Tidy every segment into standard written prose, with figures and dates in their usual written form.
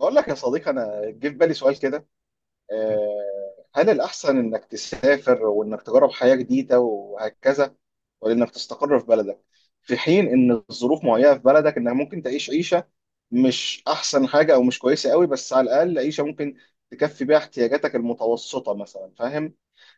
بقول لك يا صديقي، انا جه في بالي سؤال كده. هل الاحسن انك تسافر وانك تجرب حياة جديدة وهكذا، ولا انك تستقر في بلدك؟ في حين ان الظروف معينة في بلدك انك ممكن تعيش عيشة مش احسن حاجة او مش كويسة قوي، بس على الاقل عيشة ممكن تكفي بيها احتياجاتك المتوسطة مثلا، فاهم؟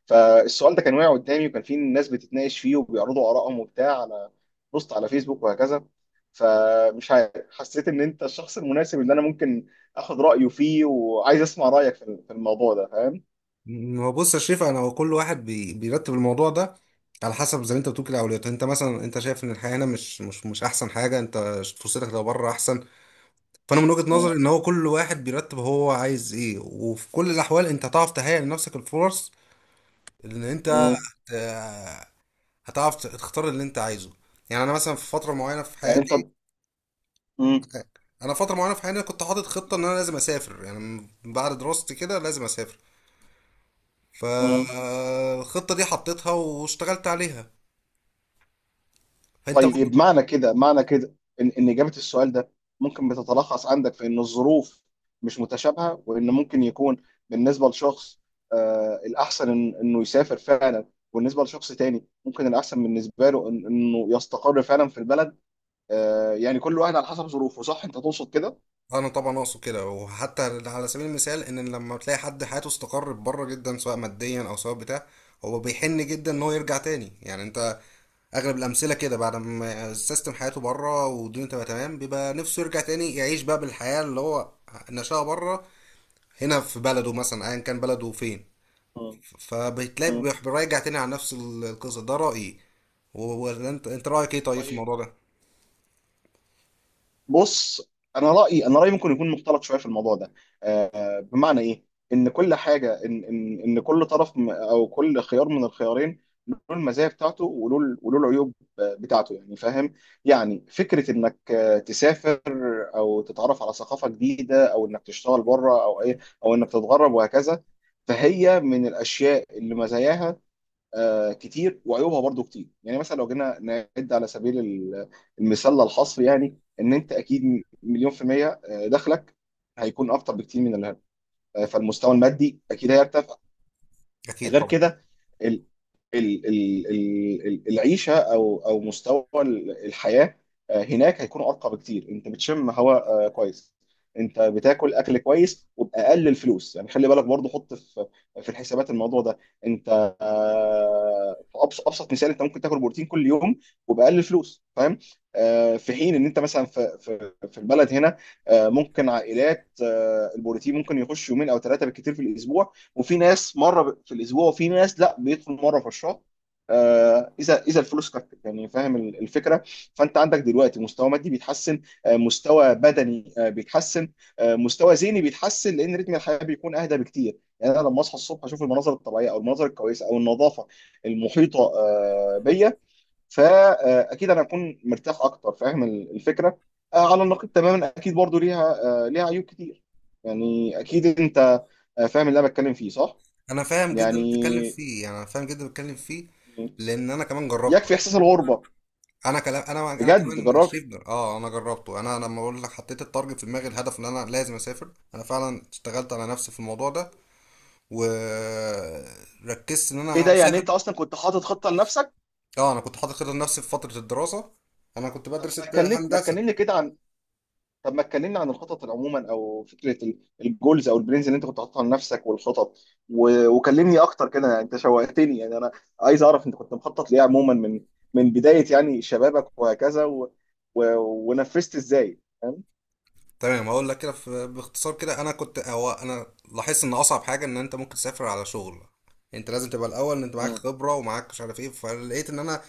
فالسؤال ده كان واقع قدامي، وكان في ناس بتتناقش فيه وبيعرضوا آرائهم وبتاع على بوست على فيسبوك وهكذا. فمش عارف، حسيت ان انت الشخص المناسب اللي انا ممكن اخد رايه فيه، وعايز اسمع رايك في الموضوع ده، فاهم؟ ما هو بص يا شريف، انا هو كل واحد بيرتب الموضوع ده على حسب زي ما انت بتقول كده اولوياته. انت مثلا انت شايف ان الحياه هنا مش احسن حاجه، انت فرصتك لو بره احسن. فانا من وجهه مم. نظري ان هو كل واحد بيرتب هو عايز ايه، وفي كل الاحوال انت هتعرف تهيئ لنفسك الفرص ان انت مم. آه، هتعرف تختار اللي انت عايزه. يعني انا مثلا في فتره معينه في يعني انت. حياتي، مم. انا فتره معينه في حياتي كنت حاطط خطه ان انا لازم اسافر، يعني من بعد دراستي كده لازم اسافر. مم. فالخطه دي حطيتها واشتغلت عليها. انت برضه طيب، معنى كده، معنى كده ان اجابه السؤال ده ممكن بتتلخص عندك في ان الظروف مش متشابهه، وان ممكن يكون بالنسبه لشخص آه الاحسن إن انه يسافر فعلا، وبالنسبه لشخص تاني ممكن الاحسن بالنسبه له إن انه يستقر فعلا في البلد. آه، يعني كل واحد على حسب ظروفه، صح؟ انت تقصد كده؟ انا طبعا اقصد كده، وحتى على سبيل المثال ان لما تلاقي حد حياته استقرت بره جدا سواء ماديا او سواء بتاع، هو بيحن جدا ان هو يرجع تاني. يعني انت اغلب الامثله كده بعد ما السيستم حياته بره والدنيا تبقى تمام بيبقى نفسه يرجع تاني يعيش بقى بالحياه اللي هو نشأها بره، هنا في بلده مثلا ايا كان بلده فين. مم. فبتلاقي مم. بيراجع تاني على نفس القصه. ده رايي، ولا انت رايك ايه طيب في طيب، الموضوع ده؟ بص، انا رايي ممكن يكون مختلط شويه في الموضوع ده. بمعنى ايه؟ ان كل حاجه، ان ان كل طرف او كل خيار من الخيارين له المزايا بتاعته، وله وله العيوب بتاعته، يعني فاهم؟ يعني فكره انك تسافر او تتعرف على ثقافه جديده، او انك تشتغل بره او ايه، او انك تتغرب وهكذا، فهي من الاشياء اللي مزاياها كتير وعيوبها برضو كتير. يعني مثلا لو جينا نعد على سبيل المثال للحصر، يعني ان انت اكيد مليون في المية دخلك هيكون اكتر بكتير من الهرم. فالمستوى المادي اكيد هيرتفع. اكيد غير طبعا. كده، العيشه او او مستوى الحياه هناك هيكون ارقى بكتير. انت بتشم هواء كويس، انت بتاكل اكل كويس وباقل الفلوس، يعني خلي بالك برضه، حط في الحسابات الموضوع ده. انت في ابسط مثال انت ممكن تاكل بروتين كل يوم وباقل الفلوس، فاهم؟ في حين ان انت مثلا في البلد هنا ممكن عائلات، البروتين ممكن يخش يومين او ثلاثه بالكثير في الاسبوع، وفي ناس مره في الاسبوع، وفي ناس لا، بيدخل مره في الشهر اذا الفلوس كفت، يعني فاهم الفكره؟ فانت عندك دلوقتي مستوى مادي بيتحسن، مستوى بدني بيتحسن، مستوى ذهني بيتحسن، لان رتم الحياه بيكون اهدى بكتير. يعني انا لما اصحى الصبح اشوف المناظر الطبيعيه او المناظر الكويسه او النظافه المحيطه بيا، فاكيد انا هكون مرتاح اكتر، فاهم الفكره؟ على النقيض تماما اكيد برضو ليها ليها عيوب كتير. يعني اكيد انت فاهم اللي انا بتكلم فيه، صح؟ انا فاهم جدا اللي بتتكلم يعني فيه، يعني انا فاهم جدا اللي بتتكلم فيه لان انا كمان جربته. يكفي احساس الغربه. انا كلام انا بجد كمان جربت؟ شريف انا جربته. انا لما اقول لك حطيت التارجت في دماغي الهدف ان انا لازم اسافر، انا فعلا اشتغلت على نفسي في الموضوع ده وركزت ان ايه ده! انا يعني اسافر. انت اصلا كنت حاطط خطه لنفسك؟ اه انا كنت حاطط خطه لنفسي في فتره الدراسه، انا كنت طب بدرس ما اتكلم ما هندسه. اتكلمني كده عن، طب ما اتكلمني عن الخطط عموما او فكره الجولز او البلانز اللي انت كنت حاططها لنفسك والخطط و... وكلمني اكتر كده، يعني انت شوقتني. يعني انا عايز اعرف انت كنت مخطط ليه عموما من من بدايه يعني شبابك وهكذا و... ونفذت ازاي، فاهم؟ تمام هقول لك كده باختصار كده، انا كنت هو انا لاحظت ان اصعب حاجه ان انت ممكن تسافر على شغل انت لازم تبقى الاول ان انت معاك م- خبره ومعاك مش عارف ايه. فلقيت ان انا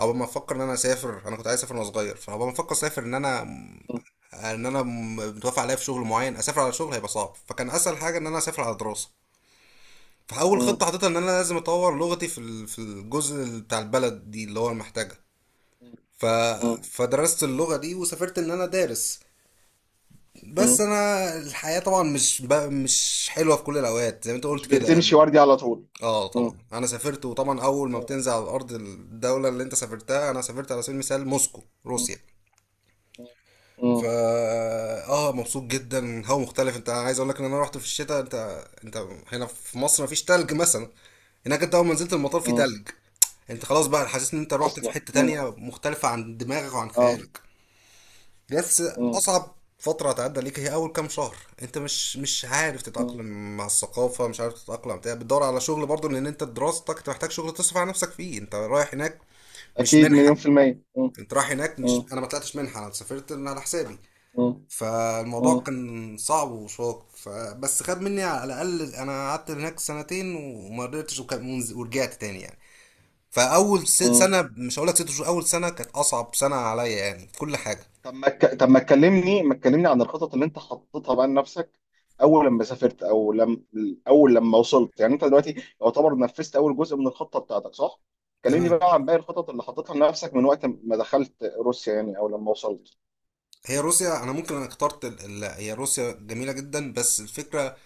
اول ما افكر ان انا اسافر، انا كنت عايز اسافر وانا صغير، فاول ما افكر اسافر ان انا م- ان انا متوافق عليا في شغل معين اسافر على شغل هيبقى صعب، فكان اسهل حاجه ان انا اسافر على دراسه. فاول م- خطه حطيتها ان انا لازم اطور لغتي في في الجزء بتاع البلد دي اللي هو محتاجها. م- ف م- فدرست اللغه دي وسافرت ان انا دارس. بس م- انا الحياة طبعا مش حلوة في كل الاوقات زي ما انت مش قلت كده. بتمشي وردي على طول. اه طبعا انا سافرت، وطبعا اول ما بتنزل على ارض الدولة اللي انت سافرتها، انا سافرت على سبيل المثال موسكو م- روسيا. فا مم. اه مبسوط جدا. هو مختلف، انت عايز اقول لك ان انا رحت في الشتاء. انت هنا في مصر مفيش تلج مثلا، هناك انت اول ما نزلت المطار في مم. تلج. انت خلاص بقى حاسس ان انت رحت في اصلا حتة مم. تانية مختلفة عن دماغك وعن اه. خيالك. بس مم. اصعب فتره هتعدي عليك هي اول كام شهر. انت مش عارف مم. تتاقلم مع الثقافه، مش عارف تتاقلم بتاع، بتدور على شغل برضه لان انت دراستك انت محتاج شغل تصرف على نفسك فيه. انت رايح هناك مش اكيد مليون منحه، في المية. مم. انت رايح هناك مش، مم. انا ما طلعتش منحه، انا سافرت من على حسابي. مم. فالموضوع مم. كان صعب وشاق. فبس خد مني على الاقل انا قعدت هناك سنتين وما قدرتش ورجعت تاني يعني. فاول مم. سنه، مش هقول لك ست شهور، اول سنه كانت اصعب سنه عليا يعني في كل حاجه. طب ما ك... طب ما تكلمني عن الخطط اللي انت حطيتها بقى لنفسك اول لما سافرت او لما اول لما وصلت. يعني انت دلوقتي يعتبر نفذت اول جزء من الخطة بتاعتك، صح؟ كلمني تمام، بقى عن باقي الخطط اللي حطيتها لنفسك من وقت ما دخلت روسيا، يعني او لما وصلت. هي روسيا انا ممكن انا اخترت هي روسيا جميله جدا، بس الفكره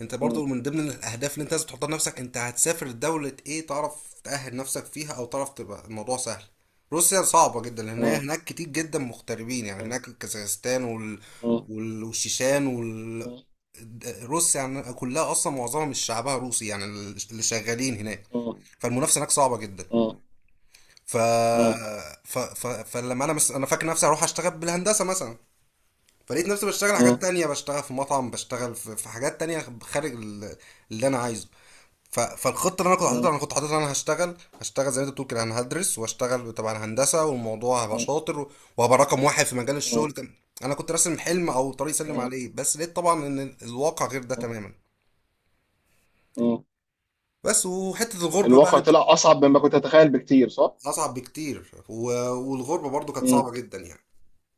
انت برضو مم. من ضمن الاهداف اللي انت لازم تحطها لنفسك انت هتسافر لدوله ايه، تعرف تأهل نفسك فيها او تعرف تبقى الموضوع سهل. روسيا صعبه جدا لان هي مم. هناك كتير جدا مغتربين، يعني مم. هناك كازاخستان مم. والشيشان روسيا يعني كلها اصلا معظمها مش شعبها روسي يعني اللي شغالين هناك. مم. فالمنافسه هناك صعبه جدا. مم. ف... مم. فلما انا انا فاكر نفسي هروح اشتغل بالهندسه مثلا، فلقيت نفسي بشتغل حاجات مم. تانية، بشتغل في مطعم، بشتغل في, في حاجات تانية خارج اللي انا عايزه. فالخطة اللي انا كنت حاططها، انا كنت حاططها انا هشتغل زي ما انت بتقول كده، انا هدرس واشتغل تبع الهندسة والموضوع هبقى مم. شاطر وهبقى رقم واحد في مجال الشغل. مم. كان انا كنت راسم حلم او طريق سلم مم. عليه، بس لقيت طبعا ان الواقع غير ده تماما. مم. بس وحتة الغربة بقى الواقع اللي كانت طلع أصعب مما كنت أتخيل بكتير، صح؟ اصعب بكتير، و- والغربة برضو كانت صعبة مم. جدا يعني.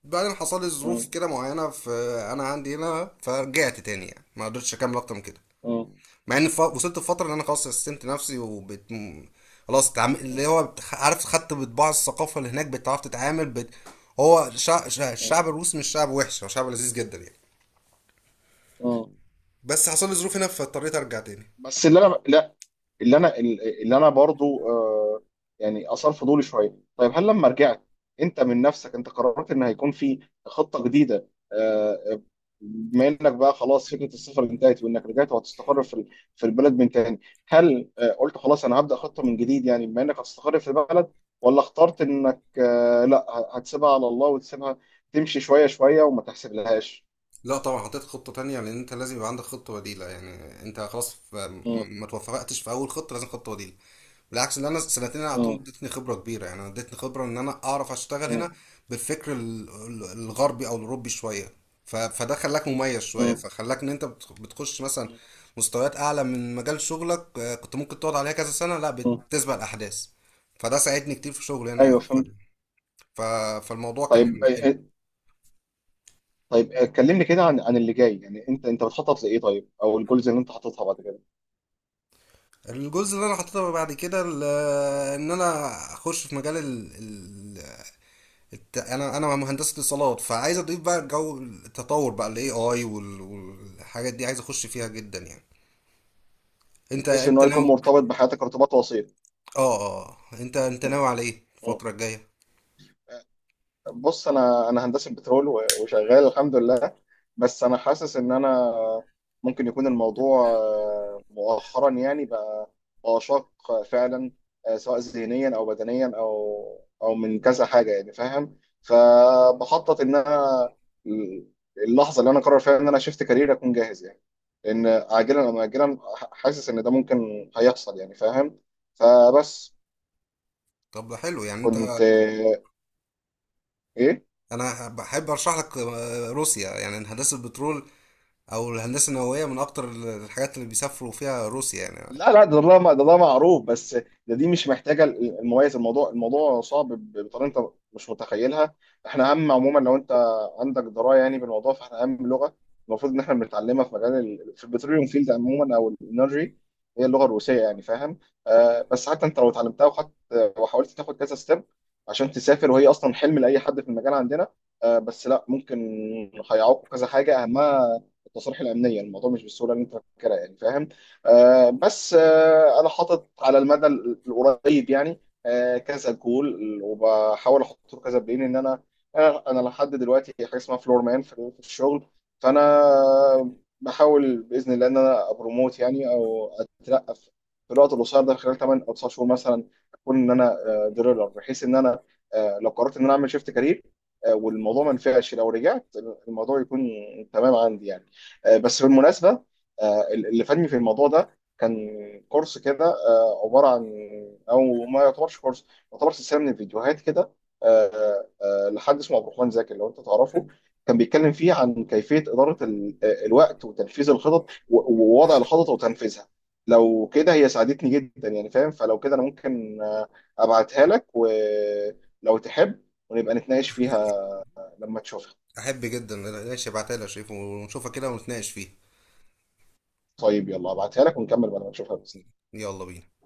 بعدين حصل لي ظروف مم. كده معينة في انا عندي هنا فرجعت تاني، يعني ما قدرتش اكمل اكتر من كده. مم. مع ان وصلت لفتره ان انا خلاص سستمت نفسي خلاص اللي هو عارف خدت بطباع الثقافه اللي هناك بتعرف تتعامل هو الشعب الروسي مش شعب وحش، هو شعب لذيذ جدا يعني. مم. بس حصل لي ظروف هنا فاضطريت ارجع تاني. بس اللي انا لا اللي انا اللي انا برضو آه، يعني اثار فضولي شويه. طيب، هل لما رجعت انت من نفسك انت قررت ان هيكون في خطه جديده آه، بما انك بقى خلاص فكره السفر انتهت، وانك رجعت وهتستقر في البلد من تاني، هل آه قلت خلاص انا هبدا خطه من جديد، يعني بما انك هتستقر في البلد، ولا اخترت انك آه لا هتسيبها على الله وتسيبها تمشي شويه شويه وما تحسب لهاش؟ لا طبعا حطيت خطه تانية، لان انت لازم يبقى عندك خطه بديله. يعني انت خلاص ما مم، ما توفقتش في اول خطه لازم خطه بديله. بالعكس اللي انا سنتين انا اعطيهم مم، ادتني خبره كبيره، يعني انا ادتني خبره ان انا اعرف اشتغل هنا مم، بالفكر الغربي او الاوروبي شويه. فده خلاك مميز شويه، مم، فخلاك ان انت بتخش مثلا مستويات اعلى من مجال شغلك كنت ممكن تقعد عليها كذا سنه، لا مم. بتسبق الاحداث. فده ساعدني كتير في شغلي هنا. ايوه فهمت. ف- فالموضوع طيب كان حلو. طيب كلمني كده عن اللي جاي. يعني انت انت بتخطط لايه طيب، او الجولز اللي انت حاططها بعد كده، الجزء اللي انا حطيته بعد كده ان انا اخش في مجال انا مهندس اتصالات، فعايز اضيف بقى جو التطور بقى الاي اي والحاجات دي عايز اخش فيها جدا يعني. انت بحيث ان انت هو يكون ناوي مرتبط بحياتك ارتباط وثيق؟ انت انت م. ناوي على ايه م. الفتره الجايه؟ بص، انا هندسه بترول وشغال الحمد لله، بس انا حاسس ان انا ممكن يكون الموضوع مؤخرا يعني بقى شاق فعلا، سواء ذهنيا او بدنيا او من كذا حاجه، يعني فاهم؟ فبخطط ان انا اللحظه اللي انا قرر فيها ان انا شفت كارير اكون جاهز، يعني لان عاجلا او اجلا حاسس ان ده ممكن هيحصل، يعني فاهم؟ فبس طب ده حلو. يعني انت كنت ايه. انا بحب ارشح لك روسيا، يعني هندسه البترول او الهندسه النوويه من اكتر الحاجات اللي بيسافروا فيها روسيا يعني. لا لا، ده معروف، بس دي مش محتاجه المميز. الموضوع، الموضوع صعب بطريقه انت مش متخيلها. احنا اهم عموما، لو انت عندك درايه يعني بالموضوع، فاحنا اهم لغه المفروض ان احنا بنتعلمها في مجال في البتروليوم فيلد عموما او الانرجي، هي اللغه الروسيه، يعني فاهم؟ آه، بس حتى انت لو اتعلمتها وخدت وحاولت تاخد كذا ستيب عشان تسافر، وهي اصلا حلم لاي حد في المجال عندنا، آه بس لا ممكن هيعوقوا كذا حاجه، اهمها التصاريح الامنيه. الموضوع مش بالسهوله اللي انت فاكرها، يعني فاهم؟ بس انا حاطط على المدى القريب يعني كذا جول، وبحاول احطه كذا بلين. ان انا انا لحد دلوقتي حاجه اسمها فلور مان في الشغل، فانا بحاول باذن الله ان انا ابروموت يعني او اترقى في في الوقت القصير ده، خلال 8 او 9 شهور مثلا اكون ان انا دريلر، بحيث ان انا لو قررت ان انا اعمل شيفت كارير والموضوع ما نفعش لو رجعت الموضوع يكون تمام عندي يعني. بس بالمناسبه، اللي فادني في الموضوع ده كان كورس كده عباره عن، او ما يعتبرش كورس، يعتبر سلسله من الفيديوهات كده لحد اسمه عبد الرحمن زاكر، لو انت تعرفه. كان بيتكلم فيه عن كيفيه اداره الوقت وتنفيذ الخطط ووضع الخطط وتنفيذها. لو كده، هي ساعدتني جدا يعني فاهم. فلو كده انا ممكن ابعتها لك، ولو تحب ونبقى نتناقش فيها لما تشوفها. احب جدا، ماشي ابعتها لي يا شريف ونشوفها كده ونتناقش فيها. طيب، يلا ابعتها لك ونكمل بعد ما تشوفها بس. يلا بينا.